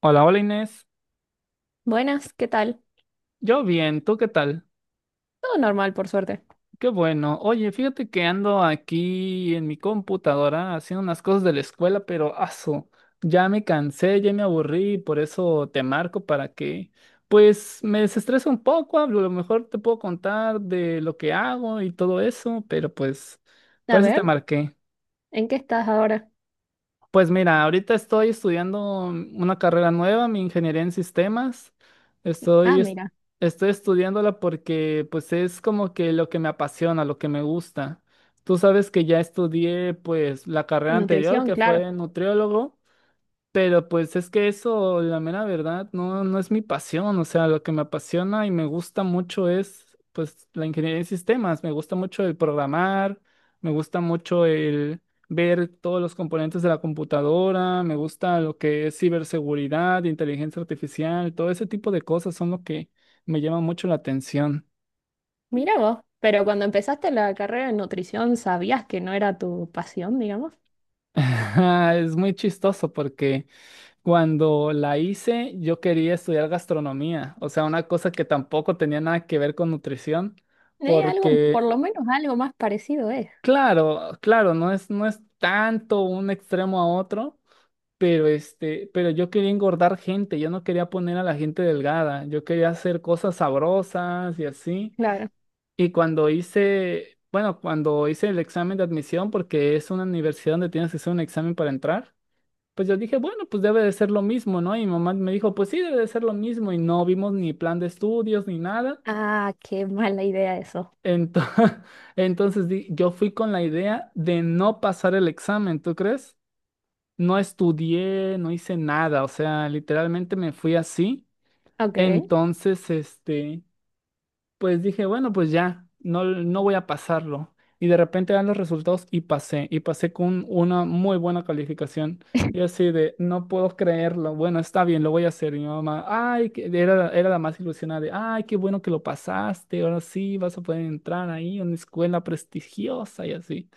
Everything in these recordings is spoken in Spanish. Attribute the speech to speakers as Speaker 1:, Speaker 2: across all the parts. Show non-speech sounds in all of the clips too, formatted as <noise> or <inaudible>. Speaker 1: Hola, hola Inés.
Speaker 2: Buenas, ¿qué tal?
Speaker 1: Yo bien, ¿tú qué tal?
Speaker 2: Todo normal, por suerte.
Speaker 1: Qué bueno. Oye, fíjate que ando aquí en mi computadora haciendo unas cosas de la escuela, pero aso, ya me cansé, ya me aburrí, por eso te marco para que, pues, me desestrese un poco, a lo mejor te puedo contar de lo que hago y todo eso, pero pues,
Speaker 2: A
Speaker 1: por eso te
Speaker 2: ver,
Speaker 1: marqué.
Speaker 2: ¿en qué estás ahora?
Speaker 1: Pues mira, ahorita estoy estudiando una carrera nueva, mi ingeniería en sistemas.
Speaker 2: Ah,
Speaker 1: Estoy, es-
Speaker 2: mira,
Speaker 1: estoy estudiándola porque pues es como que lo que me apasiona, lo que me gusta. Tú sabes que ya estudié pues la carrera anterior
Speaker 2: nutrición,
Speaker 1: que
Speaker 2: claro.
Speaker 1: fue nutriólogo. Pero pues es que eso, la mera verdad, no, no es mi pasión. O sea, lo que me apasiona y me gusta mucho es pues la ingeniería en sistemas. Me gusta mucho el programar, me gusta mucho el ver todos los componentes de la computadora, me gusta lo que es ciberseguridad, inteligencia artificial, todo ese tipo de cosas son lo que me llama mucho la atención.
Speaker 2: Mira vos, pero cuando empezaste la carrera de nutrición, ¿sabías que no era tu pasión, digamos?
Speaker 1: <laughs> Es muy chistoso porque cuando la hice, yo quería estudiar gastronomía, o sea, una cosa que tampoco tenía nada que ver con nutrición,
Speaker 2: Algo, por
Speaker 1: porque,
Speaker 2: lo menos algo más parecido es,
Speaker 1: claro, claro, no es tanto un extremo a otro, pero yo quería engordar gente, yo no quería poner a la gente delgada, yo quería hacer cosas sabrosas y así.
Speaker 2: claro.
Speaker 1: Y cuando hice, bueno, cuando hice el examen de admisión, porque es una universidad donde tienes que hacer un examen para entrar. Pues yo dije, bueno, pues debe de ser lo mismo, ¿no? Y mi mamá me dijo, pues sí, debe de ser lo mismo. Y no vimos ni plan de estudios ni nada.
Speaker 2: Ah, qué mala idea eso.
Speaker 1: Ento- <laughs> Entonces, yo fui con la idea de no pasar el examen, ¿tú crees? No estudié, no hice nada, o sea, literalmente me fui así.
Speaker 2: Ok,
Speaker 1: Entonces, pues dije, bueno, pues ya, no, no voy a pasarlo. Y de repente dan los resultados y pasé con una muy buena calificación. Y
Speaker 2: <laughs>
Speaker 1: así de, no puedo creerlo, bueno, está bien, lo voy a hacer. Y mi mamá, ay, era la más ilusionada de, ay, qué bueno que lo pasaste, ahora sí vas a poder entrar ahí, una escuela prestigiosa y así.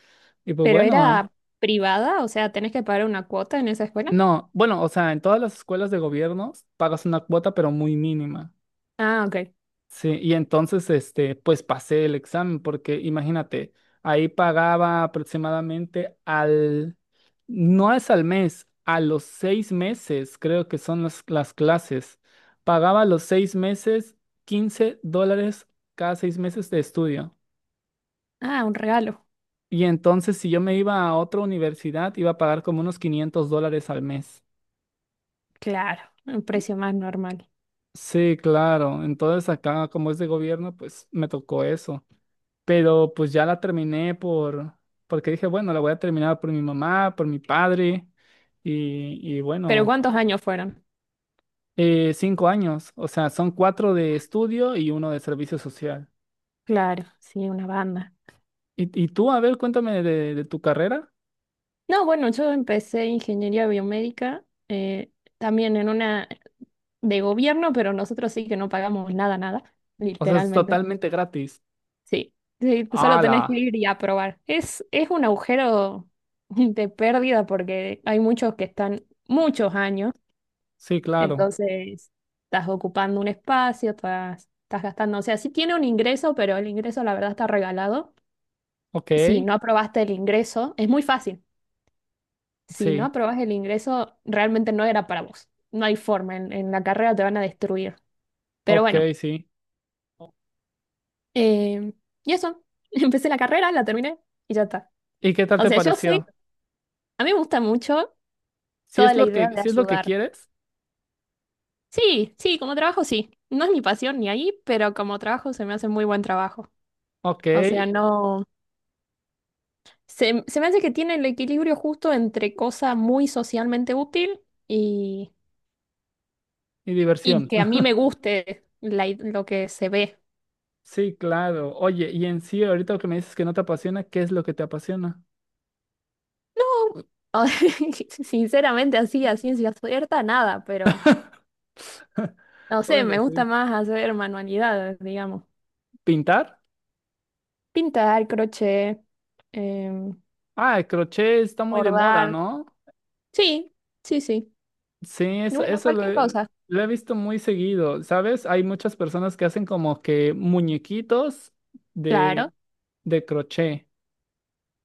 Speaker 1: Y pues
Speaker 2: pero
Speaker 1: bueno, ah,
Speaker 2: era privada, o sea, ¿tenés que pagar una cuota en esa escuela?
Speaker 1: no, bueno, o sea, en todas las escuelas de gobierno pagas una cuota, pero muy mínima.
Speaker 2: Ah, ok.
Speaker 1: Sí, y entonces, este, pues pasé el examen, porque imagínate, ahí pagaba aproximadamente al, no es al mes, a los 6 meses, creo que son las clases. Pagaba a los 6 meses $15 cada 6 meses de estudio.
Speaker 2: Ah, un regalo.
Speaker 1: Y entonces, si yo me iba a otra universidad, iba a pagar como unos $500 al mes.
Speaker 2: Claro, un precio más normal.
Speaker 1: Sí, claro. Entonces, acá, como es de gobierno, pues me tocó eso. Pero pues ya la terminé por, porque dije, bueno, la voy a terminar por mi mamá, por mi padre, y
Speaker 2: ¿Pero
Speaker 1: bueno,
Speaker 2: cuántos años fueron?
Speaker 1: 5 años, o sea, son cuatro de estudio y uno de servicio social.
Speaker 2: Claro, sí, una banda.
Speaker 1: Y tú, a ver, cuéntame de tu carrera?
Speaker 2: No, bueno, yo empecé ingeniería biomédica, eh, también en una de gobierno, pero nosotros sí que no pagamos nada, nada,
Speaker 1: O sea, es
Speaker 2: literalmente.
Speaker 1: totalmente gratis.
Speaker 2: Sí, sí, solo tenés que
Speaker 1: ¡Hala!
Speaker 2: ir y aprobar. Es un agujero <laughs> de pérdida porque hay muchos que están muchos años,
Speaker 1: Sí, claro.
Speaker 2: entonces estás ocupando un espacio, estás, estás gastando, o sea, sí tiene un ingreso, pero el ingreso la verdad está regalado.
Speaker 1: Ok,
Speaker 2: Si no aprobaste el ingreso, es muy fácil. Si no
Speaker 1: sí,
Speaker 2: aprobás el ingreso, realmente no era para vos. No hay forma, en la carrera te van a destruir. Pero
Speaker 1: ok,
Speaker 2: bueno,
Speaker 1: sí.
Speaker 2: eh, y eso, <laughs> empecé la carrera, la terminé y ya está.
Speaker 1: ¿Y qué tal
Speaker 2: O
Speaker 1: te
Speaker 2: sea, yo soy,
Speaker 1: pareció?
Speaker 2: a mí me gusta mucho
Speaker 1: Si
Speaker 2: toda
Speaker 1: es
Speaker 2: la
Speaker 1: lo
Speaker 2: idea
Speaker 1: que,
Speaker 2: de
Speaker 1: si es lo que
Speaker 2: ayudar.
Speaker 1: quieres,
Speaker 2: Sí, sí, como trabajo sí. No es mi pasión ni ahí, pero como trabajo se me hace muy buen trabajo.
Speaker 1: ok,
Speaker 2: O sea,
Speaker 1: y
Speaker 2: no, se me hace que tiene el equilibrio justo entre cosa muy socialmente útil y, y
Speaker 1: diversión.
Speaker 2: que a mí me guste la lo que se ve.
Speaker 1: Sí, claro. Oye, y en sí, ahorita que me dices que no te apasiona, ¿qué es lo que te apasiona?
Speaker 2: No, <laughs> sinceramente así, a ciencia cierta, nada, pero no sé,
Speaker 1: Bueno,
Speaker 2: me gusta
Speaker 1: sí.
Speaker 2: más hacer manualidades, digamos.
Speaker 1: ¿Pintar?
Speaker 2: Pintar, crochet, em,
Speaker 1: Ah, el crochet está muy de moda,
Speaker 2: bordar.
Speaker 1: ¿no?
Speaker 2: Sí, sí, sí.
Speaker 1: Sí, eso,
Speaker 2: Bueno, cualquier cosa.
Speaker 1: lo he visto muy seguido, ¿sabes? Hay muchas personas que hacen como que muñequitos
Speaker 2: Claro,
Speaker 1: de, de crochet.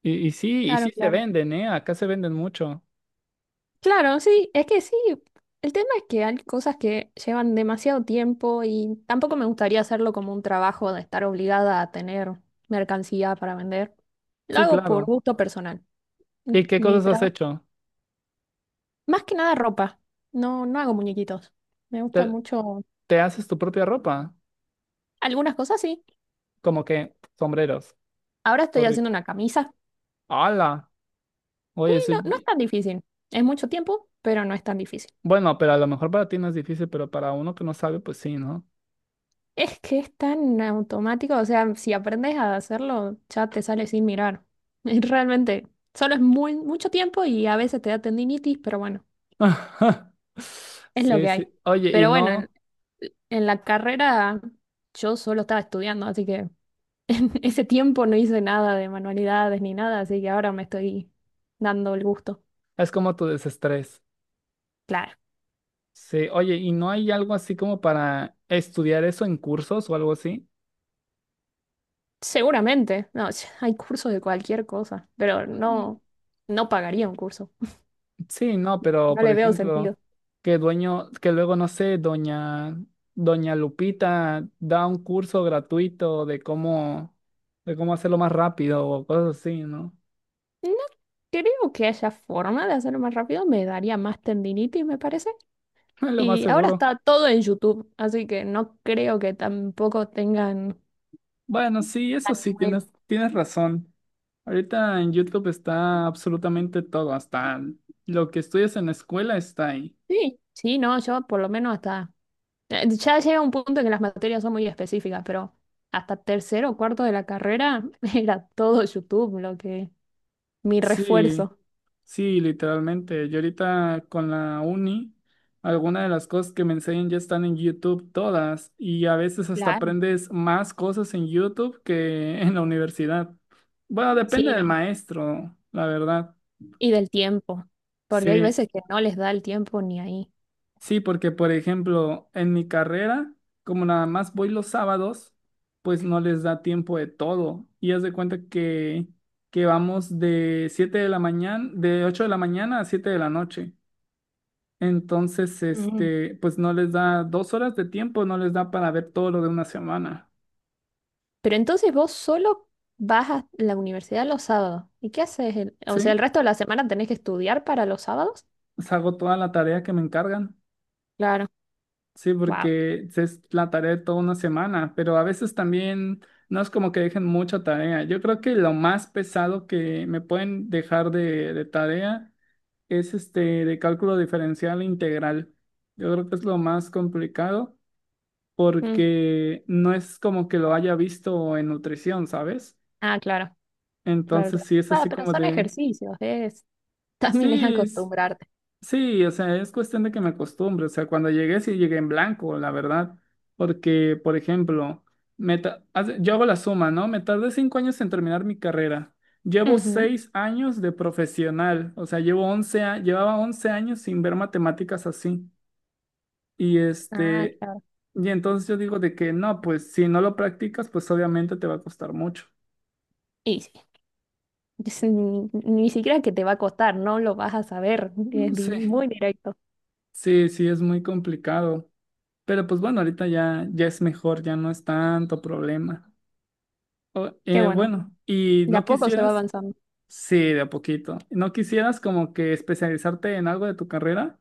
Speaker 1: Y
Speaker 2: claro,
Speaker 1: sí se
Speaker 2: claro.
Speaker 1: venden, ¿eh? Acá se venden mucho.
Speaker 2: Claro, sí, es que sí. El tema es que hay cosas que llevan demasiado tiempo y tampoco me gustaría hacerlo como un trabajo de estar obligada a tener mercancía para vender. Lo
Speaker 1: Sí,
Speaker 2: hago por
Speaker 1: claro.
Speaker 2: gusto personal.
Speaker 1: ¿Y
Speaker 2: <laughs>
Speaker 1: qué
Speaker 2: Mi
Speaker 1: cosas has
Speaker 2: trabajo.
Speaker 1: hecho?
Speaker 2: Más que nada ropa. No, no hago muñequitos. Me gusta
Speaker 1: ¿Te,
Speaker 2: mucho.
Speaker 1: te haces tu propia ropa?
Speaker 2: Algunas cosas sí.
Speaker 1: Como que sombreros,
Speaker 2: Ahora estoy haciendo
Speaker 1: gorritos.
Speaker 2: una camisa.
Speaker 1: ¡Hala!
Speaker 2: Y
Speaker 1: Oye, eso
Speaker 2: no, no es tan difícil. Es mucho tiempo, pero no es tan difícil.
Speaker 1: bueno, pero a lo mejor para ti no es difícil, pero para uno que no sabe, pues sí, ¿no?
Speaker 2: Es que es tan automático. O sea, si aprendes a hacerlo, ya te sale sin mirar. <laughs> Es realmente, solo es muy, mucho tiempo y a veces te da tendinitis, pero bueno,
Speaker 1: <laughs>
Speaker 2: es lo
Speaker 1: Sí,
Speaker 2: que hay.
Speaker 1: sí. Oye, y
Speaker 2: Pero bueno,
Speaker 1: no,
Speaker 2: en la carrera yo solo estaba estudiando, así que en ese tiempo no hice nada de manualidades ni nada, así que ahora me estoy dando el gusto.
Speaker 1: es como tu desestrés.
Speaker 2: Claro,
Speaker 1: Sí, oye, ¿y no hay algo así como para estudiar eso en cursos o algo así?
Speaker 2: seguramente. No, <laughs> hay cursos de cualquier cosa, pero
Speaker 1: Mm,
Speaker 2: no, no pagaría un curso.
Speaker 1: sí, no, pero
Speaker 2: No
Speaker 1: por
Speaker 2: le veo
Speaker 1: ejemplo,
Speaker 2: sentido.
Speaker 1: que dueño, que luego, no sé, doña, doña Lupita da un curso gratuito de cómo hacerlo más rápido o cosas así, ¿no?
Speaker 2: No creo que haya forma de hacerlo más rápido. Me daría más tendinitis, me parece.
Speaker 1: <laughs> Lo más
Speaker 2: Y ahora
Speaker 1: seguro.
Speaker 2: está todo en YouTube, así que no creo que tampoco tengan...
Speaker 1: Bueno, sí, eso
Speaker 2: tan
Speaker 1: sí,
Speaker 2: nuevo.
Speaker 1: tienes razón. Ahorita en YouTube está absolutamente todo, hasta lo que estudias en la escuela está ahí.
Speaker 2: Sí, sí, no, yo por lo menos hasta... ya llega un punto en que las materias son muy específicas, pero hasta tercero o cuarto de la carrera <laughs> era todo YouTube lo que mi
Speaker 1: Sí,
Speaker 2: refuerzo.
Speaker 1: sí, literalmente. Yo ahorita con la uni, algunas de las cosas que me enseñan ya están en YouTube todas y a veces hasta
Speaker 2: Claro.
Speaker 1: aprendes más cosas en YouTube que en la universidad. Bueno, depende
Speaker 2: Sí,
Speaker 1: del
Speaker 2: no.
Speaker 1: maestro, la verdad.
Speaker 2: Y del tiempo, porque hay
Speaker 1: Sí,
Speaker 2: veces que no les da el tiempo ni ahí.
Speaker 1: sí, porque por ejemplo, en mi carrera, como nada más voy los sábados, pues no les da tiempo de todo. Y haz de cuenta que, vamos de 7 de la mañana, de 8 de la mañana a 7 de la noche. Entonces,
Speaker 2: Mm.
Speaker 1: este, pues no les da 2 horas de tiempo, no les da para ver todo lo de una semana.
Speaker 2: Pero entonces vos solo vas a la universidad los sábados. ¿Y qué haces? O sea, el
Speaker 1: Sí,
Speaker 2: resto de la semana tenés que estudiar para los sábados.
Speaker 1: pues hago toda la tarea que me encargan.
Speaker 2: Claro.
Speaker 1: Sí,
Speaker 2: Wow.
Speaker 1: porque es la tarea de toda una semana, pero a veces también no es como que dejen mucha tarea. Yo creo que lo más pesado que me pueden dejar de tarea es este de cálculo diferencial e integral. Yo creo que es lo más complicado
Speaker 2: Mm.
Speaker 1: porque no es como que lo haya visto en nutrición, ¿sabes?
Speaker 2: Ah, claro, claro,
Speaker 1: Entonces sí es
Speaker 2: claro. Ah,
Speaker 1: así
Speaker 2: pero
Speaker 1: como
Speaker 2: son
Speaker 1: de,
Speaker 2: ejercicios, es, <laughs> también es
Speaker 1: sí,
Speaker 2: acostumbrarte.
Speaker 1: sí, o sea, es cuestión de que me acostumbre. O sea, cuando llegué, sí llegué en blanco, la verdad. Porque, por ejemplo, yo hago la suma, ¿no? Me tardé 5 años en terminar mi carrera. Llevo
Speaker 2: Ujú.
Speaker 1: 6 años de profesional. O sea, llevaba 11 años sin ver matemáticas así. Y
Speaker 2: Ah,
Speaker 1: este,
Speaker 2: claro.
Speaker 1: y entonces yo digo de que no, pues si no lo practicas, pues obviamente te va a costar mucho.
Speaker 2: Y sí, es ni, ni siquiera que te va a costar, no lo vas a saber,
Speaker 1: Mm,
Speaker 2: es
Speaker 1: sí,
Speaker 2: muy directo.
Speaker 1: sí, sí, es muy complicado. Pero pues bueno, ahorita ya es mejor, ya no es tanto problema.
Speaker 2: Qué bueno,
Speaker 1: Bueno, y
Speaker 2: de
Speaker 1: no
Speaker 2: a poco se va
Speaker 1: quisieras,
Speaker 2: avanzando.
Speaker 1: sí, de a poquito, no quisieras como que especializarte en algo de tu carrera.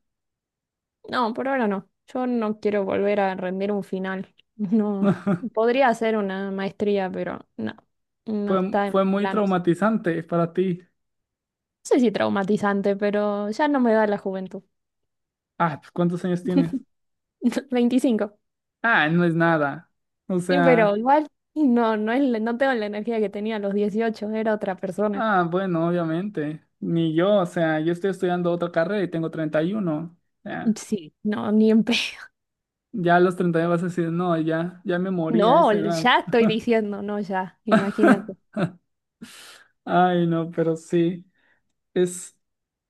Speaker 2: No, por ahora no. Yo no quiero volver a rendir un final. <laughs> No,
Speaker 1: <laughs>
Speaker 2: podría hacer una maestría, pero no, no
Speaker 1: Fue,
Speaker 2: está en
Speaker 1: fue
Speaker 2: mis
Speaker 1: muy
Speaker 2: planes.
Speaker 1: traumatizante para ti.
Speaker 2: No sé si traumatizante, pero ya no me da la juventud.
Speaker 1: Ah, pues, ¿cuántos años tienes?
Speaker 2: <laughs> 25.
Speaker 1: Ah, no es nada. O
Speaker 2: Sí, pero
Speaker 1: sea,
Speaker 2: igual no, no es, no tengo la energía que tenía a los 18, era otra persona.
Speaker 1: ah, bueno, obviamente. Ni yo, o sea, yo estoy estudiando otra carrera y tengo 31. Ya,
Speaker 2: Sí, no, ni en pedo.
Speaker 1: ya a los 31 vas a decir, no, ya me morí a
Speaker 2: No,
Speaker 1: esa edad.
Speaker 2: ya estoy diciendo, no ya, imagínate.
Speaker 1: <laughs> Ay, no, pero sí, es.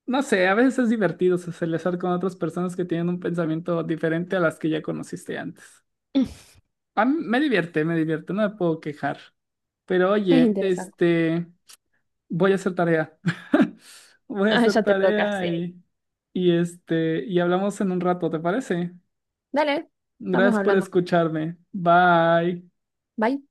Speaker 1: No sé, a veces es divertido socializar con otras personas que tienen un pensamiento diferente a las que ya conociste antes.
Speaker 2: <laughs>
Speaker 1: A mí me divierte, no me puedo quejar. Pero
Speaker 2: Es
Speaker 1: oye,
Speaker 2: interesante.
Speaker 1: este, voy a hacer tarea. <laughs> Voy a
Speaker 2: Ah,
Speaker 1: hacer
Speaker 2: ya te toca,
Speaker 1: tarea
Speaker 2: sí.
Speaker 1: y este, y hablamos en un rato, ¿te parece?
Speaker 2: Dale, estamos
Speaker 1: Gracias por
Speaker 2: hablando.
Speaker 1: escucharme. Bye.
Speaker 2: Bye.